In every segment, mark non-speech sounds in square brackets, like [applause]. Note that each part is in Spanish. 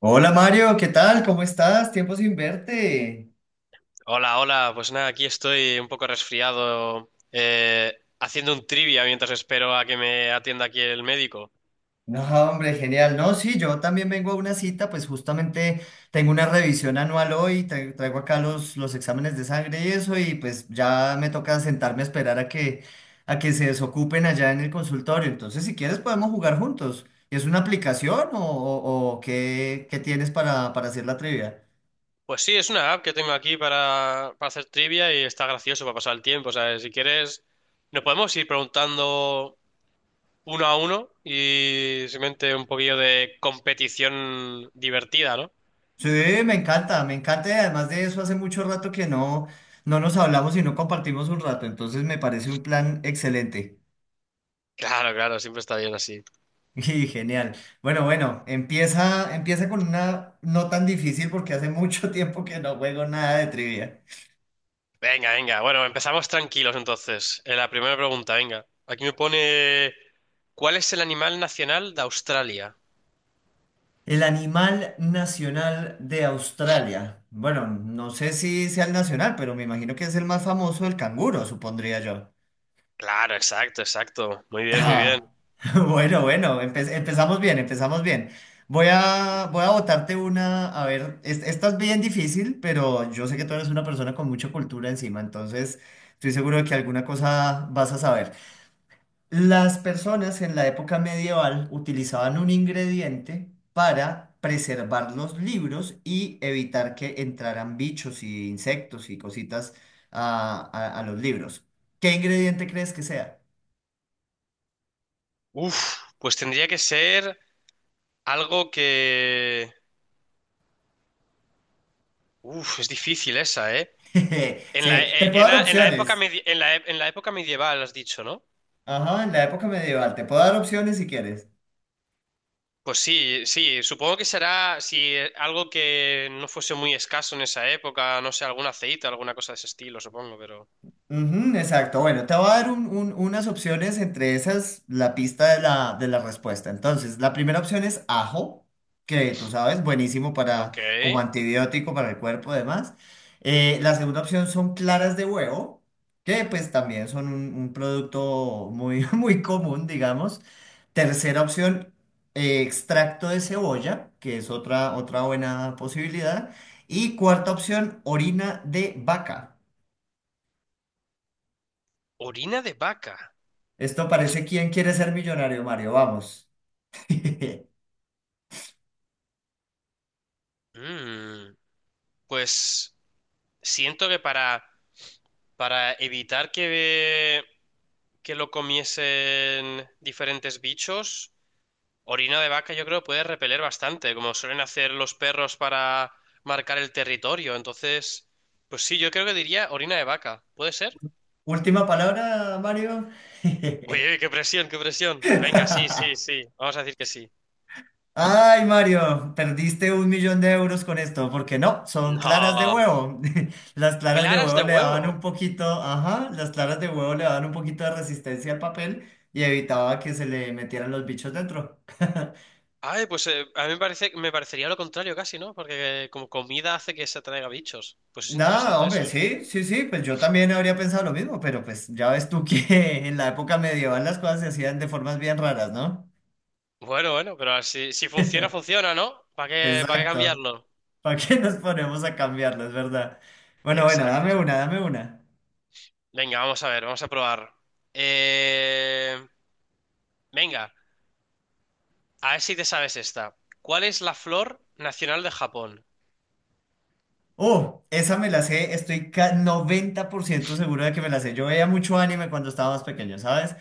Hola Mario, ¿qué tal? ¿Cómo estás? Tiempo sin verte. Hola, hola. Pues nada, aquí estoy un poco resfriado, haciendo un trivia mientras espero a que me atienda aquí el médico. No, hombre, genial. No, sí, yo también vengo a una cita, pues justamente tengo una revisión anual hoy, traigo acá los exámenes de sangre y eso, y pues ya me toca sentarme a esperar a que se desocupen allá en el consultorio. Entonces, si quieres, podemos jugar juntos. ¿Es una aplicación o qué tienes para hacer la trivia? Pues sí, es una app que tengo aquí para hacer trivia y está gracioso para pasar el tiempo, ¿sabes? Si quieres, nos podemos ir preguntando uno a uno y simplemente un poquillo de competición divertida, ¿no? Sí, me encanta y además de eso hace mucho rato que no nos hablamos y no compartimos un rato, entonces me parece un plan excelente Claro, claro, siempre está bien así. [laughs] y genial. Bueno, bueno, empieza, empieza con una no tan difícil porque hace mucho [laughs] tiempo que no juego nada de trivia. Venga, venga. Bueno, empezamos tranquilos entonces. La primera pregunta, venga. Aquí me pone, ¿cuál es el animal nacional de Australia? El animal nacional de Australia. Bueno, no sé si sea el nacional, pero me imagino que es el más famoso, el canguro, supondría yo. Claro, exacto, exacto. Muy bien, muy bien. Ah, [laughs] bueno, bueno, empezamos bien, empezamos bien. Voy a botarte una, a ver, esta es bien difícil, pero yo sé que tú eres una persona con mucha cultura encima, entonces estoy seguro de que alguna cosa vas a saber. Las personas en la época medieval utilizaban un ingrediente para preservar los libros y evitar que entraran bichos y insectos y cositas a los libros. ¿Qué ingrediente crees que sea? Uf, pues tendría que ser algo que... Uf, es difícil esa, ¿eh? [laughs] En la, Sí, te puedo dar era- en la época opciones. medi- en la, e- en la época medieval, has dicho, ¿no? Ajá, en la época medieval. Te puedo dar opciones si quieres. Pues sí, sí, supongo que será algo que no fuese muy escaso en esa época, no sé, algún aceite, alguna cosa de ese estilo, supongo, pero... Ujú, exacto. Bueno, te voy a dar unas opciones entre esas, la pista de la respuesta. Entonces, la primera opción es ajo, que tú sabes, buenísimo para, Ok. como antibiótico para el cuerpo, además. La segunda opción son claras de huevo, que pues también son un producto muy, [laughs] muy común, digamos. Tercera opción, extracto de cebolla, que es otra, otra buena posibilidad. Y cuarta opción, orina de vaca. Orina de vaca. Esto parece quién quiere ser millonario, Mario. Vamos. [laughs] Mm, pues siento que para evitar que lo comiesen diferentes bichos, orina de vaca yo creo puede repeler bastante, como suelen hacer los perros para marcar el territorio. Entonces, pues sí, yo creo que diría orina de vaca. ¿Puede ser? Última palabra, Mario. Uy, uy, qué presión, qué presión. Venga, sí, sí, [laughs] sí. Vamos a decir que sí. Ay, Mario, perdiste 1 millón de euros con esto, porque no, son claras de No. huevo. [laughs] Las claras de Claras huevo de le daban huevo. un poquito, ajá, las claras de huevo le daban un poquito de resistencia al papel y evitaba que se le metieran los bichos dentro. [laughs] Ay, pues a mí me parece, me parecería lo contrario casi, ¿no? Porque como comida hace que se atraiga bichos. Pues es Nada, interesante hombre, eso, ¿eh? sí, sí, sí, pues yo también habría pensado lo mismo, pero pues ya ves tú que [laughs] en la época medieval las cosas se hacían de formas bien raras, ¿no? Bueno, bueno, pero si, si funciona, funciona, ¿no? ¿ para qué Exacto. cambiarlo? ¿Para qué nos ponemos a cambiarlo? Es verdad. Bueno, bueno, Exacto, dame una, exacto. dame una. Venga, vamos a ver, vamos a probar. Eh, Venga, a ver si te sabes esta. ¿Cuál es la flor nacional de Japón? Oh, esa me la sé, estoy 90% seguro de que me la sé. Yo veía mucho anime cuando estaba más pequeño, ¿sabes?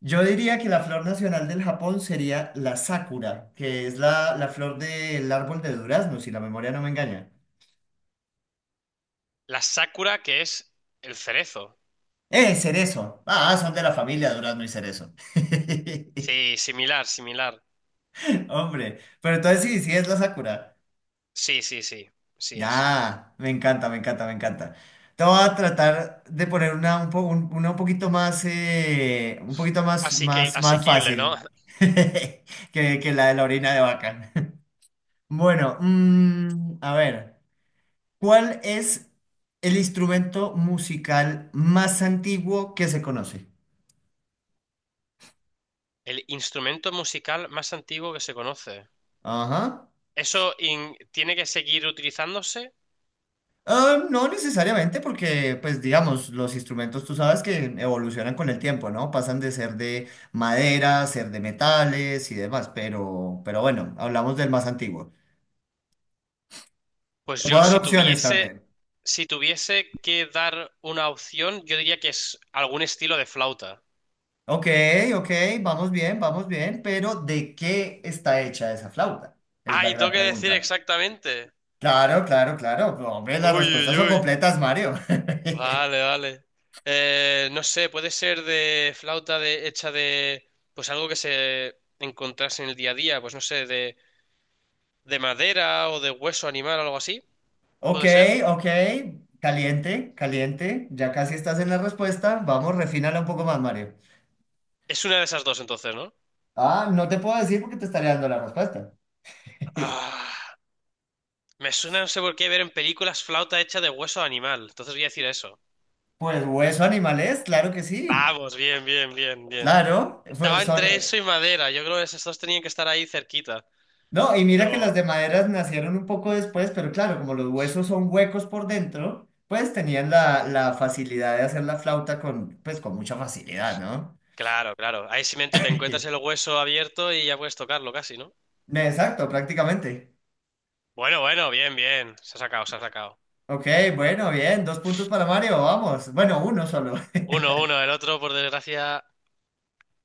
Yo diría que la flor nacional del Japón sería la sakura, que es la flor del árbol de durazno, si la memoria no me engaña. La sakura, que es el cerezo. ¡Eh, cerezo! Ah, son de la familia durazno y cerezo. [laughs] Sí, similar, similar. Hombre, pero entonces sí, sí es la sakura. Sí, sí, sí, sí es. Ah, me encanta, me encanta, me encanta. Te voy a tratar de poner una un, po- un- una un poquito más, Así que más, más asequible, ¿no? fácil [laughs] [laughs] que la de la orina de vaca. [laughs] Bueno, a ver, ¿cuál es el instrumento musical más antiguo que se conoce? El instrumento musical más antiguo que se conoce. Ajá. ¿ tiene que seguir utilizándose? Ah, no necesariamente porque, pues digamos, los instrumentos tú sabes que evolucionan con el tiempo, ¿no? Pasan de ser de madera, ser de metales y demás, pero bueno, hablamos del más antiguo. Pues Te yo, puedo dar opciones también. si tuviese que dar una opción, yo diría que es algún estilo de flauta. Ok, ok, vamos bien, pero ¿de qué está hecha esa flauta? Es la ¡Ay, tengo gran que decir pregunta. exactamente! Claro, claro, claro. Hombre, las Uy, respuestas uy, son uy. completas, Mario. [laughs] Vale, vale. No sé, puede ser de flauta de, hecha de, pues algo que se encontrase en el día a día, pues no sé, de madera o de hueso animal o algo así. Ok, ¿Puede ser? ok. Caliente, caliente. Ya casi estás en la respuesta. Vamos, refínala un poco más, Mario. Es una de esas dos entonces, ¿no? Ah, no te puedo decir porque te estaré dando la respuesta. [laughs] Ah. Me suena, no sé por qué, ver en películas flauta hecha de hueso de animal. Entonces voy a decir eso. Pues hueso animal es, claro que sí. Vamos, bien, bien, bien, bien. Claro, pues Estaba son... entre eso y madera. Yo creo que esos dos tenían que estar ahí cerquita. No, y mira que las de Pero, maderas nacieron un poco después, pero claro, como los huesos son huecos por dentro, pues tenían la facilidad de hacer la flauta pues, con mucha facilidad, ¿no? claro, claro. Ahí simplemente te encuentras el hueso abierto y ya puedes tocarlo casi, ¿no? [laughs] Exacto, prácticamente. Bueno, bueno, bien, bien. Se ha sacado, se ha sacado. Ok, bueno, bien, dos puntos para Mario, vamos. Bueno, uno solo. Uno, uno. El otro, por desgracia,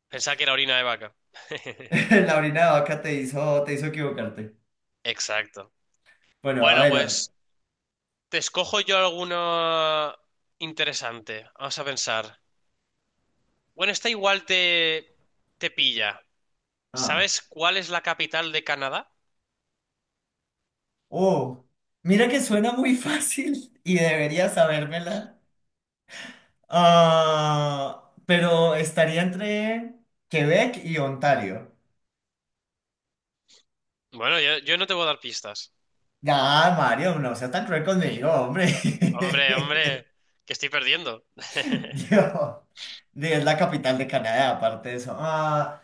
pensaba que era orina de vaca. [laughs] [laughs] La orina de vaca te hizo equivocarte. Exacto. Bueno, a Bueno, ver. Pues te escojo yo alguno interesante. Vamos a pensar. Bueno, esta igual te pilla. Ah. ¿Sabes cuál es la capital de Canadá? Oh, mira que suena muy [laughs] fácil y debería sabérmela. Ah, pero estaría entre Quebec y Ontario. Bueno, yo no te voy a dar pistas. Ya, Mario, no seas tan cruel conmigo, hombre. Hombre, hombre, que estoy perdiendo. [laughs] [laughs] Yo, es la capital de Canadá, aparte de eso. Ah.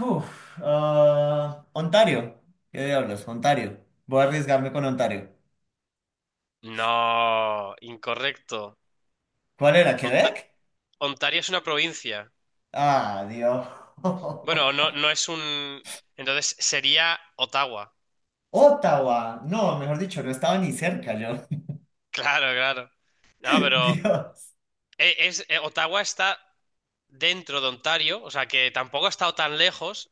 Ontario. ¿Qué diablos? Ontario. Voy a arriesgarme con Ontario. No, incorrecto. ¿Cuál era? ¿Quebec? Onta- Ontario es una provincia. Ah, Dios. Bueno, no, [laughs] no es un... Entonces sería Ottawa. Ottawa. No, mejor dicho, no estaba ni cerca yo. [laughs] Claro, claro. No, [laughs] pero Dios. Es, Ottawa está dentro de Ontario, o sea que tampoco ha estado tan lejos,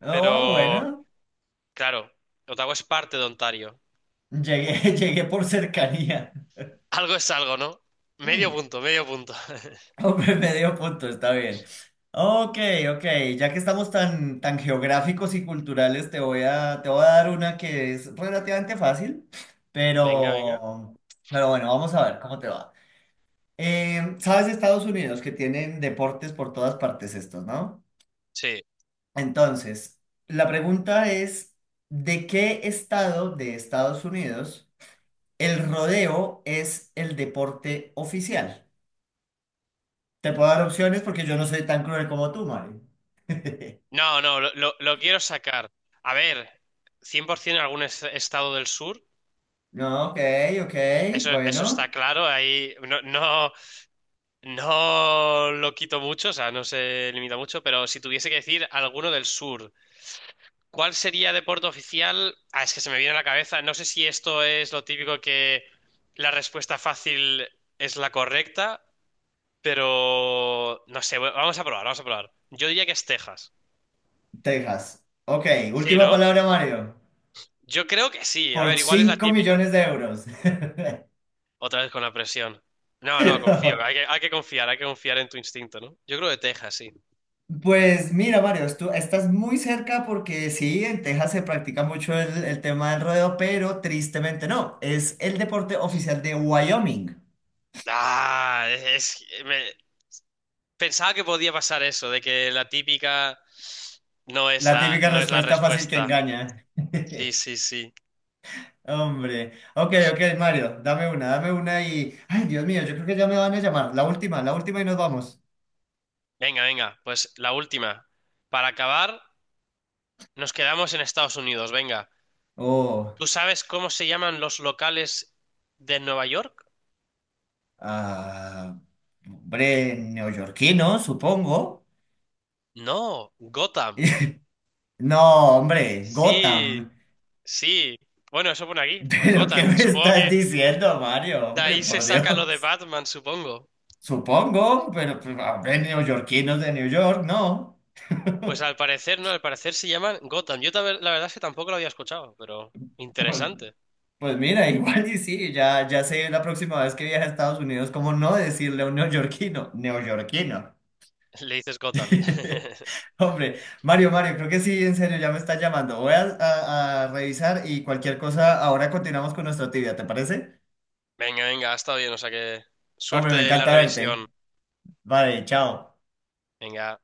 Oh, pero bueno. claro, Ottawa es parte de Ontario. Llegué, [laughs] llegué por cercanía. Algo es algo, ¿no? Medio Mm. punto, medio punto. [laughs] [laughs] Hombre, medio punto, está bien. Ok, ok, ya que estamos tan, tan geográficos y culturales, te voy a dar una que es relativamente fácil, Venga, venga. pero, pero bueno, vamos a ver cómo te va. Sabes, Estados Unidos, que tienen deportes por todas partes estos, ¿no? Sí. Entonces, la pregunta es, ¿de qué estado de Estados Unidos el rodeo es el deporte oficial? Te puedo dar opciones porque yo no soy tan cruel como tú, Mario. [laughs] No, no, lo quiero sacar. A ver, 100% en algún estado del sur. No, ok, ok. Eso está Bueno, claro. Ahí no, no, no lo quito mucho, o sea, no se limita mucho. Pero si tuviese que decir alguno del sur, ¿cuál sería deporte oficial? Ah, es que se me viene a la cabeza. No sé si esto es lo típico que la respuesta fácil es la correcta. Pero no sé, bueno, vamos a probar, vamos a probar. Yo diría que es Texas. Texas. Ok, Sí, última ¿no? palabra, Mario. Yo creo que sí. A Por ver, igual es la 5 típica. millones de euros. Otra vez con la presión. No, no, confío. [laughs] Hay que confiar en tu instinto, ¿no? Yo creo que Texas, sí. Pues mira, Mario, tú estás muy cerca porque sí, en Texas se practica mucho el tema del rodeo, pero tristemente no. Es el deporte oficial de Wyoming. Ah, me- pensaba que podía pasar eso, de que la típica no es La la, típica no es la respuesta fácil que respuesta. engaña. Sí, [laughs] sí, sí. Hombre. Ok, ok, Mario, dame una y... Ay, Dios mío, yo creo que ya me van a llamar. La última y nos vamos. Venga, venga, pues la última. Para acabar, nos quedamos en Estados Unidos, venga. Oh. ¿Tú sabes cómo se llaman los locales de Nueva York? Ah, hombre, neoyorquino, supongo. No, Gotham. [laughs] No, hombre, Sí, Gotham. sí. Bueno, eso pone aquí, [laughs] ¿Pero qué Gotham. me Supongo estás que diciendo, Mario? de Hombre, ahí se por saca lo de Dios. Batman, supongo. Supongo, pero pues, a ver, neoyorquinos de New York, no. Pues al parecer, no, al parecer se llaman Gotham. Yo también, la verdad es que tampoco lo había escuchado, pero [laughs] Pues, interesante. pues mira, igual y sí, ya sé la próxima vez que viaje a Estados Unidos, cómo no decirle a un neoyorquino, neoyorquino. [laughs] Le dices Gotham. [laughs] [laughs] Hombre, Mario, Mario, creo que sí, en serio, ya me está llamando. Voy a revisar y cualquier cosa, ahora continuamos con nuestra actividad, ¿te parece? Venga, venga, ha estado bien, o sea que Hombre, me suerte en la encanta revisión. verte. Vale, chao. Venga.